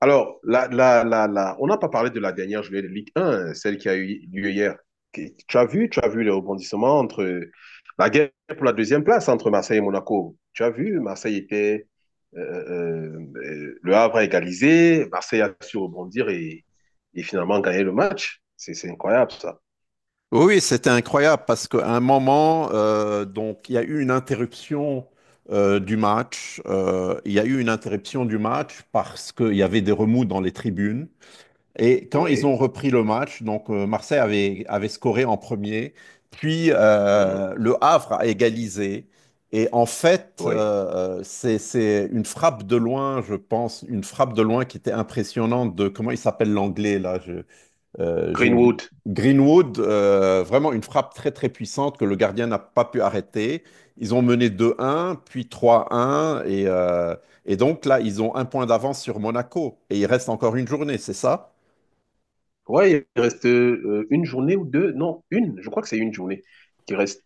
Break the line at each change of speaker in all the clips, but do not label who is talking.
Alors, on n'a pas parlé de la dernière journée de Ligue 1, celle qui a eu lieu hier. Tu as vu les rebondissements entre la guerre pour la deuxième place entre Marseille et Monaco. Tu as vu, Marseille était, le Havre a égalisé, Marseille a su rebondir et finalement gagner le match. C'est incroyable ça.
Oui, c'était incroyable parce qu'à un moment, donc il y a eu une interruption du match. Il y a eu une interruption du match parce qu'il y avait des remous dans les tribunes. Et quand ils
Oui,
ont repris le match, Marseille avait scoré en premier, puis
mhm,
le Havre a égalisé. Et en fait,
oui.
c'est une frappe de loin, je pense, une frappe de loin qui était impressionnante de comment il s'appelle l'anglais là. Euh, j'ai oublié-
Greenwood.
Greenwood, vraiment une frappe très très puissante que le gardien n'a pas pu arrêter. Ils ont mené 2-1, puis 3-1, et donc là, ils ont un point d'avance sur Monaco, et il reste encore une journée, c'est ça?
Ouais, il reste une journée ou deux. Non, une. Je crois que c'est une journée qui reste.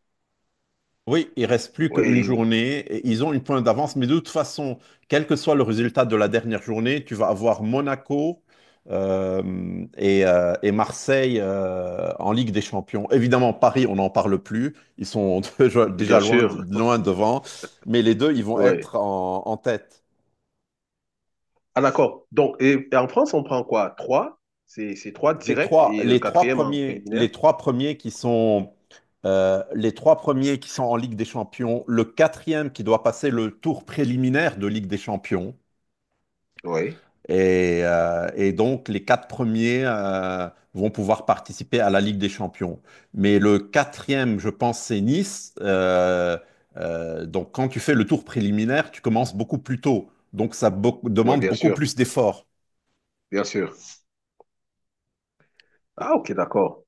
Oui, il reste plus qu'une
Oui,
journée. Ils ont une pointe d'avance, mais de toute façon, quel que soit le résultat de la dernière journée, tu vas avoir Monaco et Marseille en Ligue des Champions. Évidemment, Paris, on n'en parle plus. Ils sont déjà
bien
loin,
sûr.
loin devant, mais les deux, ils vont
Ouais.
être en tête.
Ah, d'accord. Donc, et en France, on prend quoi? Trois? C'est trois
Les
directs
trois,
et le
les trois
quatrième en
premiers,
préliminaire?
les trois premiers qui sont en Ligue des Champions, le quatrième qui doit passer le tour préliminaire de Ligue des Champions.
Oui.
Et donc, les quatre premiers vont pouvoir participer à la Ligue des Champions. Mais le quatrième, je pense, c'est Nice. Donc, quand tu fais le tour préliminaire, tu commences beaucoup plus tôt. Donc,
Oui,
demande
bien
beaucoup
sûr.
plus d'efforts.
Bien sûr.
Et-
Ah, ok, d'accord.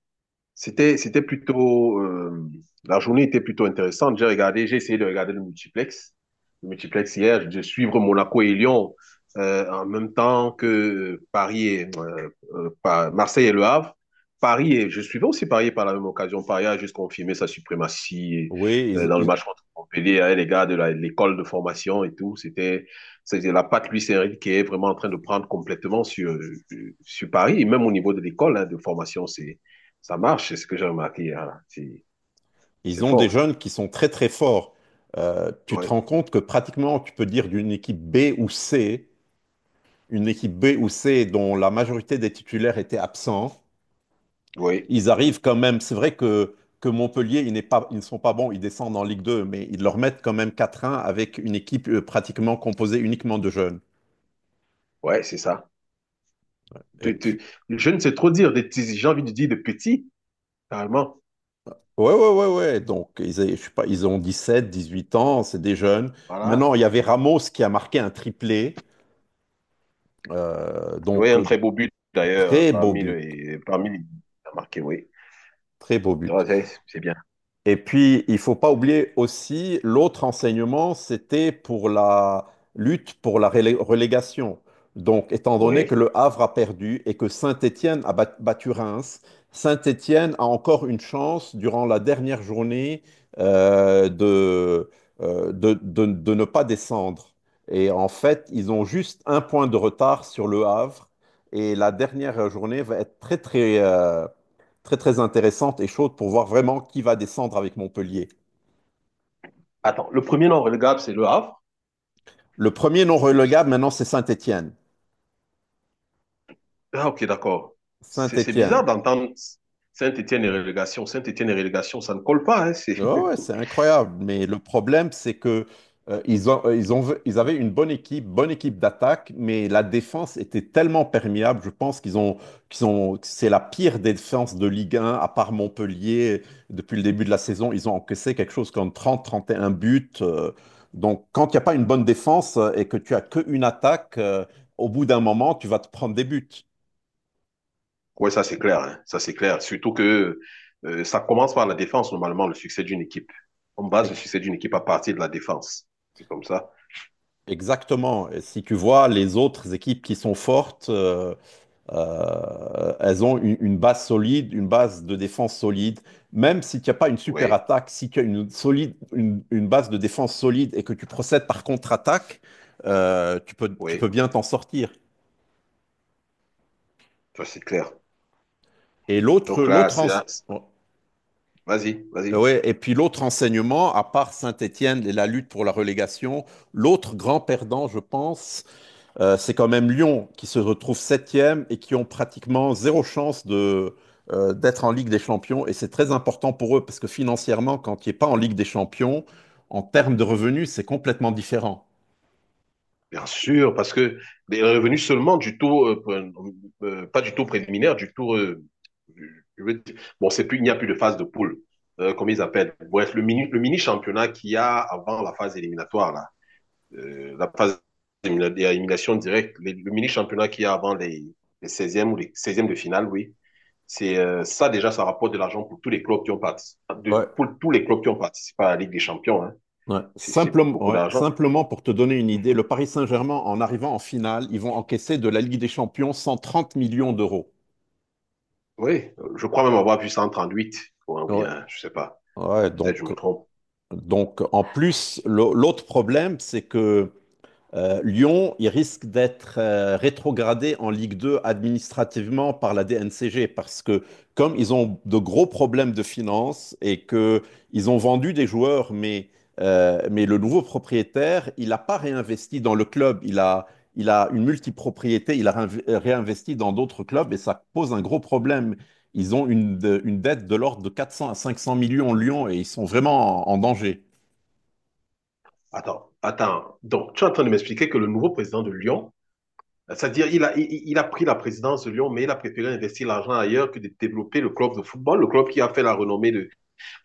et-
C'était plutôt, la journée était plutôt intéressante. J'ai regardé, j'ai essayé de regarder le multiplex hier, de suivre Monaco et Lyon en même temps que Paris et Marseille et Le Havre. Paris et je suivais aussi Paris par la même occasion. Paris a juste confirmé sa suprématie
Oui, ils,
dans le
ils-
match contre Montpellier. Hein, les gars de l'école de formation et tout, c'était la patte Luis Enrique qui est vraiment en train de prendre complètement sur sur Paris et même au niveau de l'école, hein, de formation, c'est ça marche, c'est ce que j'ai remarqué. Hein. C'est
ils ont des
fort, ça.
jeunes qui sont très, très forts. Tu te
Oui,
rends compte que pratiquement, tu peux dire d'une équipe B ou C, une équipe B ou C dont la majorité des titulaires étaient absents.
oui,
Ils arrivent quand même. C'est vrai que Montpellier, ils ne sont pas bons, ils descendent en Ligue 2, mais ils leur mettent quand même quatre 1 avec une équipe pratiquement composée uniquement de jeunes.
ouais, c'est ça.
Et
Tu-
puis,
tu- Je ne sais trop dire de petits, j'ai envie de dire de petits, carrément.
ouais. Donc, je sais pas, ils ont 17, 18 ans, c'est des jeunes.
Voilà.
Maintenant, il y avait Ramos qui a marqué un triplé. Euh,
Oui,
donc,
un
euh,
très beau but, d'ailleurs,
très beau but.
parmi les t'as marqué, oui.
Très beau
Tu
but.
vois, c'est bien.
Et puis, il faut pas oublier aussi, l'autre enseignement, c'était pour la lutte pour la relégation. Donc, étant donné que
Oui.
le Havre a perdu et que Saint-Étienne a battu Reims, Saint-Étienne a encore une chance durant la dernière journée euh, de, de ne pas descendre. Et en fait, ils ont juste un point de retard sur le Havre. Et la dernière journée va être très très intéressante et chaude pour voir vraiment qui va descendre avec Montpellier.
Attends, le premier non relégable, c'est le Havre.
Le premier non relégable maintenant, c'est Saint-Étienne.
Ah, ok, d'accord. C'est
Saint-Étienne.
bizarre d'entendre Saint-Étienne et relégation. Saint-Étienne et relégation, ça ne colle pas, hein, c'est
Ouais, ouais, c'est incroyable. Mais le problème, c'est que ils ont, ils avaient une bonne équipe d'attaque, mais la défense était tellement perméable. Je pense qu'ils ont, c'est la pire défense de Ligue 1, à part Montpellier. Depuis le début de la saison, ils ont encaissé quelque chose comme trente et un buts. Donc, quand il n'y a pas une bonne défense et que tu as qu'une attaque, au bout d'un moment, tu vas te prendre des buts.
oui, ça c'est clair, hein. Ça c'est clair. Surtout que ça commence par la défense, normalement, le succès d'une équipe. On base
E-
le succès d'une équipe à partir de la défense. C'est comme ça.
Exactement. Et si tu vois les autres équipes qui sont fortes. Elles ont une base solide, une base de défense solide. Même si tu n'as pas une super
Oui,
attaque, si tu as une base de défense solide et que tu procèdes par contre-attaque, tu peux
oui,
bien t'en sortir.
ça c'est clair.
Et l'autre,
Donc
l'autre
là,
ense-
c'est- vas-y, vas-y.
ouais, et puis l'autre enseignement, à part Saint-Étienne et la lutte pour la relégation, l'autre grand perdant, je pense, c'est quand même Lyon qui se retrouve septième et qui ont pratiquement zéro chance d'être en Ligue des Champions. Et c'est très important pour eux parce que financièrement, quand tu n'es pas en Ligue des Champions, en termes de revenus, c'est complètement différent.
Bien sûr, parce que les revenus seulement du tour, pas du tour préliminaire, du tour, je veux dire- bon, c'est plus, il n'y a plus de phase de poule, comme ils appellent. Bref, le mini championnat qu'il y a avant la phase éliminatoire, là. La phase d'élimination directe, les, le mini-championnat qu'il y a avant les 16es ou les 16es de finale, oui, c'est ça déjà, ça rapporte de l'argent pour tous les clubs qui ont participé,
Ouais,
de, pour tous les clubs qui ont participé à la Ligue des Champions. Hein.
ouais.
C'est
Simplement,
beaucoup
ouais.
d'argent.
Simplement pour te donner une idée, le Paris Saint-Germain, en arrivant en finale, ils vont encaisser de la Ligue des Champions 130 millions d'euros.
Oui, je crois même avoir vu 38 ou
Ouais.
bien, je sais pas,
Ouais,
peut-être je
donc,
me trompe.
donc, en plus, l'autre problème, c'est que Lyon, il risque d'être rétrogradé en Ligue 2 administrativement par la DNCG parce que comme ils ont de gros problèmes de finances et que ils ont vendu des joueurs, mais le nouveau propriétaire, il n'a pas réinvesti dans le club, il a une multipropriété, il a réinvesti dans d'autres clubs et ça pose un gros problème. Ils ont une dette de l'ordre de 400 à 500 millions Lyon et ils sont vraiment en danger.
Attends, attends. Donc, tu es en train de m'expliquer que le nouveau président de Lyon, c'est-à-dire, il a pris la présidence de Lyon, mais il a préféré investir l'argent ailleurs que de développer le club de football, le club qui a fait la renommée de,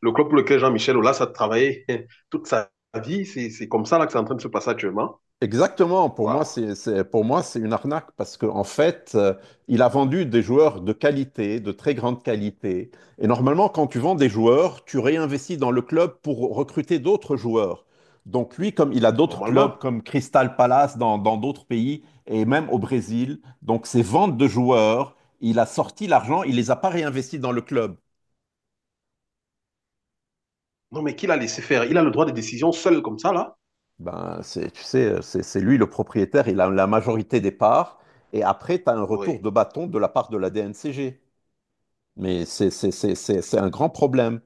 le club pour lequel Jean-Michel Aulas a travaillé toute sa vie, c'est comme ça là que c'est en train de se passer actuellement.
Exactement, pour moi,
Waouh,
pour moi, c'est une arnaque parce qu'en fait, il a vendu des joueurs de qualité, de très grande qualité. Et normalement, quand tu vends des joueurs, tu réinvestis dans le club pour recruter d'autres joueurs. Donc lui, comme il a d'autres clubs
normalement.
comme Crystal Palace dans d'autres pays et même au Brésil, donc ses ventes de joueurs, il a sorti l'argent, il les a pas réinvestis dans le club.
Non, mais qui l'a laissé faire? Il a le droit de décision seul comme ça là?
Ben, tu sais, c'est lui le propriétaire, il a la majorité des parts, et après, tu as un retour
Oui.
de bâton de la part de la DNCG. Mais c'est un grand problème.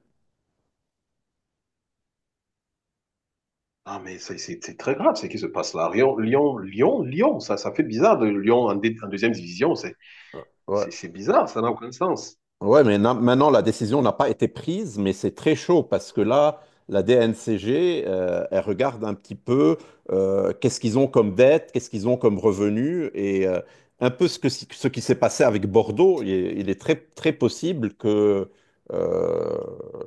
Ah, mais c'est très grave ce qui se passe là. Lyon, ça, ça fait bizarre de Lyon en, dé, en deuxième division.
Ouais.
C'est bizarre, ça n'a aucun sens.
Ouais, maintenant, la décision n'a pas été prise, mais c'est très chaud parce que là, la DNCG, elle regarde un petit peu qu'est-ce qu'ils ont comme dette, qu'est-ce qu'ils ont comme revenus et un peu ce que, si, ce qui s'est passé avec Bordeaux. Il est très, très possible euh,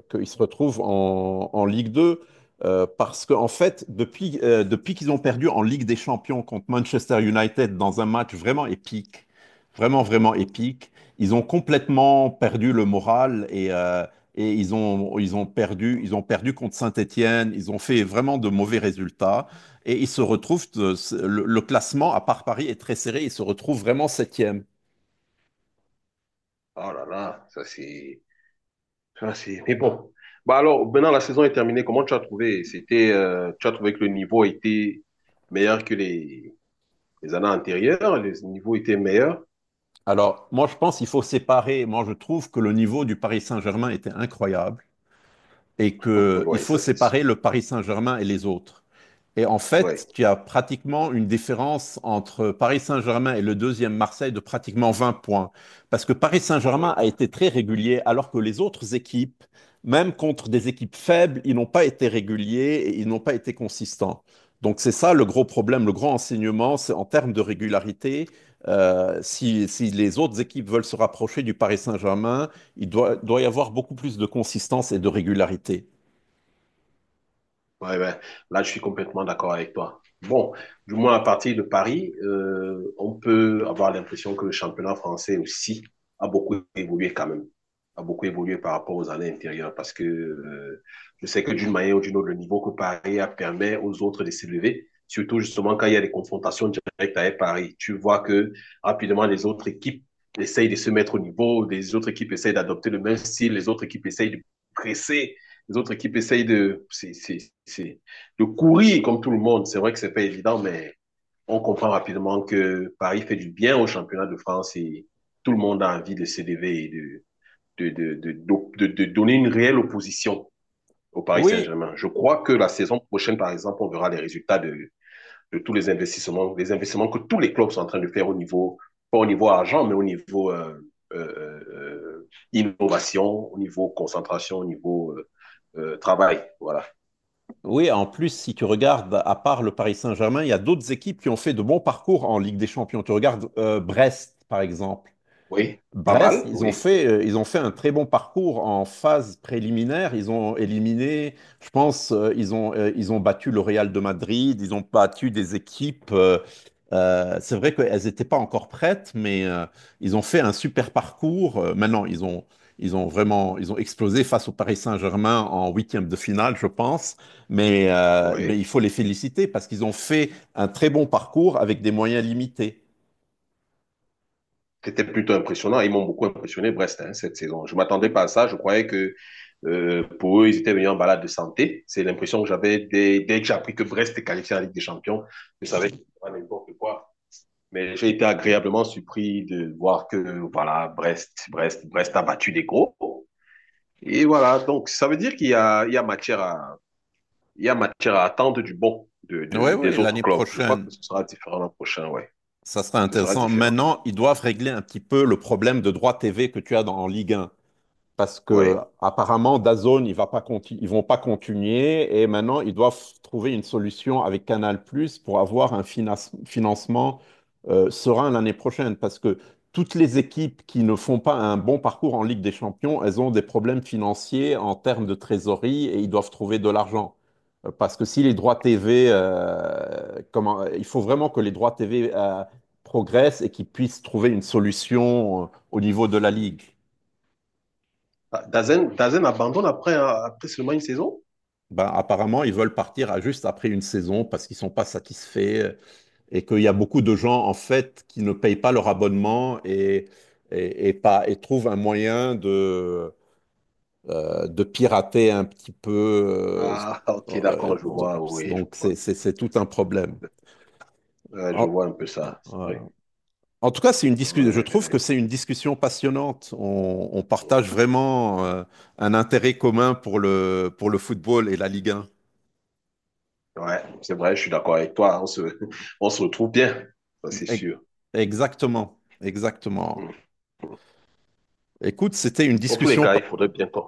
qu'ils se retrouvent en Ligue 2 parce qu'en fait, depuis qu'ils ont perdu en Ligue des Champions contre Manchester United dans un match vraiment épique, vraiment, vraiment épique, ils ont complètement perdu le moral et ils ont perdu contre Saint-Étienne. Ils ont fait vraiment de mauvais résultats et ils se retrouvent, le classement, à part Paris, est très serré. Ils se retrouvent vraiment septième.
Oh là là, ça c'est. Mais bon. Bah alors, maintenant la saison est terminée, comment tu as trouvé? C'était, tu as trouvé que le niveau était meilleur que les années antérieures, les niveaux étaient meilleurs.
Alors, moi, je pense qu'il faut séparer. Moi, je trouve que le niveau du Paris Saint-Germain était incroyable et qu'il
Oui,
faut
ça c'est sûr.
séparer le Paris Saint-Germain et les autres. Et en
Oui,
fait, tu as pratiquement une différence entre Paris Saint-Germain et le deuxième Marseille de pratiquement 20 points. Parce que Paris
oui.
Saint-Germain a été très régulier, alors que les autres équipes, même contre des équipes faibles, ils n'ont pas été réguliers et ils n'ont pas été consistants. Donc c'est ça le gros problème, le grand enseignement, c'est en termes de régularité. Si les autres équipes veulent se rapprocher du Paris Saint-Germain, doit y avoir beaucoup plus de consistance et de régularité.
Ouais, ouais. Là, je suis complètement d'accord avec toi. Bon, du moins à partir de Paris, on peut avoir l'impression que le championnat français aussi a beaucoup évolué quand même, a beaucoup évolué par rapport aux années antérieures parce que je sais que d'une manière ou d'une autre, le niveau que Paris a permet aux autres de s'élever, surtout justement quand il y a des confrontations directes avec Paris. Tu vois que rapidement les autres équipes essayent de se mettre au niveau, les autres équipes essayent d'adopter le même style, les autres équipes essayent de presser, les autres équipes essayent de, c'est, de courir comme tout le monde. C'est vrai que c'est pas évident, mais on comprend rapidement que Paris fait du bien au championnat de France et tout le monde a envie de s'élever et de de donner une réelle opposition au Paris
Oui,
Saint-Germain. Je crois que la saison prochaine, par exemple, on verra les résultats de tous les investissements que tous les clubs sont en train de faire au niveau, pas au niveau argent, mais au niveau innovation, au niveau concentration, au niveau travail. Voilà.
Oui, en plus, si tu regardes, à part le Paris Saint-Germain, il y a d'autres équipes qui ont fait de bons parcours en Ligue des Champions. Tu regardes Brest, par exemple.
Oui, pas
Brest,
mal, oui.
ils ont fait un très bon parcours en phase préliminaire. Ils ont éliminé, je pense, ils ont battu le Real de Madrid, ils ont battu des équipes. C'est vrai qu'elles n'étaient pas encore prêtes, mais ils ont fait un super parcours. Maintenant, ils ont vraiment, ils ont explosé face au Paris Saint-Germain en huitième de finale, je pense. Mais eh bien,
Oui,
il faut les féliciter parce qu'ils ont fait un très bon parcours avec des moyens limités.
c'était plutôt impressionnant. Ils m'ont beaucoup impressionné, Brest, hein, cette saison. Je m'attendais pas à ça. Je croyais que pour eux, ils étaient venus en balade de santé. C'est l'impression que j'avais dès, dès que j'ai appris que Brest était qualifié en Ligue des Champions. Je savais que c'était pas n'importe quoi. Mais j'ai été agréablement surpris de voir que, voilà, Brest a battu des gros. Et voilà, donc ça veut dire qu'il y a, il y a matière à, il y a matière à attendre du bon de,
Oui, oui,
des autres
l'année
clubs. Je crois
prochaine.
que ce sera différent l'an prochain, ouais.
Ça serait
Ce sera
intéressant.
différent,
Maintenant, ils doivent régler un petit peu le problème de droit TV que tu as en Ligue 1 parce que
ouais.
apparemment DAZN il va pas ils vont pas continuer et maintenant ils doivent trouver une solution avec Canal+ pour avoir un financement serein l'année prochaine parce que toutes les équipes qui ne font pas un bon parcours en Ligue des Champions, elles ont des problèmes financiers en termes de trésorerie et ils doivent trouver de l'argent. Parce que si les droits TV, il faut vraiment que les droits TV progressent et qu'ils puissent trouver une solution au niveau de la Ligue.
Ah, Dazen, Dazen abandonne après, hein, après seulement une saison?
Ben, apparemment, ils veulent partir à juste après une saison parce qu'ils sont pas satisfaits euh, et qu'il y a beaucoup de gens en fait qui ne payent pas leur abonnement et pas, et trouvent un moyen de pirater un petit peu. euh,
Ah, ok,
euh,
d'accord, je
donc,
vois, oui, je
donc
vois.
c'est tout un problème.
Ouais, je
En,
vois un peu ça, c'est
euh,
vrai.
En tout cas, c'est une discussion.
Ouais,
Je trouve que
ouais,
c'est une discussion passionnante. On
ouais.
partage vraiment un intérêt commun pour pour le football et la Ligue 1.
Ouais, c'est vrai, je suis d'accord avec toi. Hein, on se, on se retrouve bien, ça c'est
E-
sûr.
Exactement, exactement.
Mm.
Écoute, c'était une
En tous les
discussion.
cas, il
pa-
faudrait bien qu'on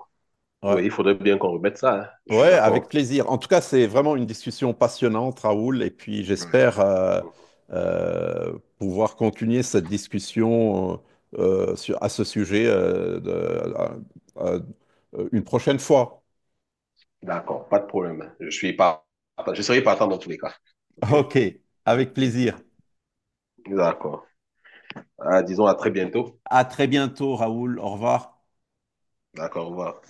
Ouais.
oui, il faudrait bien qu'on remette ça. Hein. Je suis
Ouais, avec
d'accord.
plaisir. En tout cas, c'est vraiment une discussion passionnante, Raoul, et puis
Ouais.
j'espère pouvoir continuer cette discussion à ce sujet euh, une prochaine fois.
D'accord, pas de problème. Je suis pas, je serai partant dans tous les cas. OK?
Ok, avec plaisir.
D'accord. Ah, disons à très bientôt.
À très bientôt, Raoul. Au revoir.
D'accord, au revoir.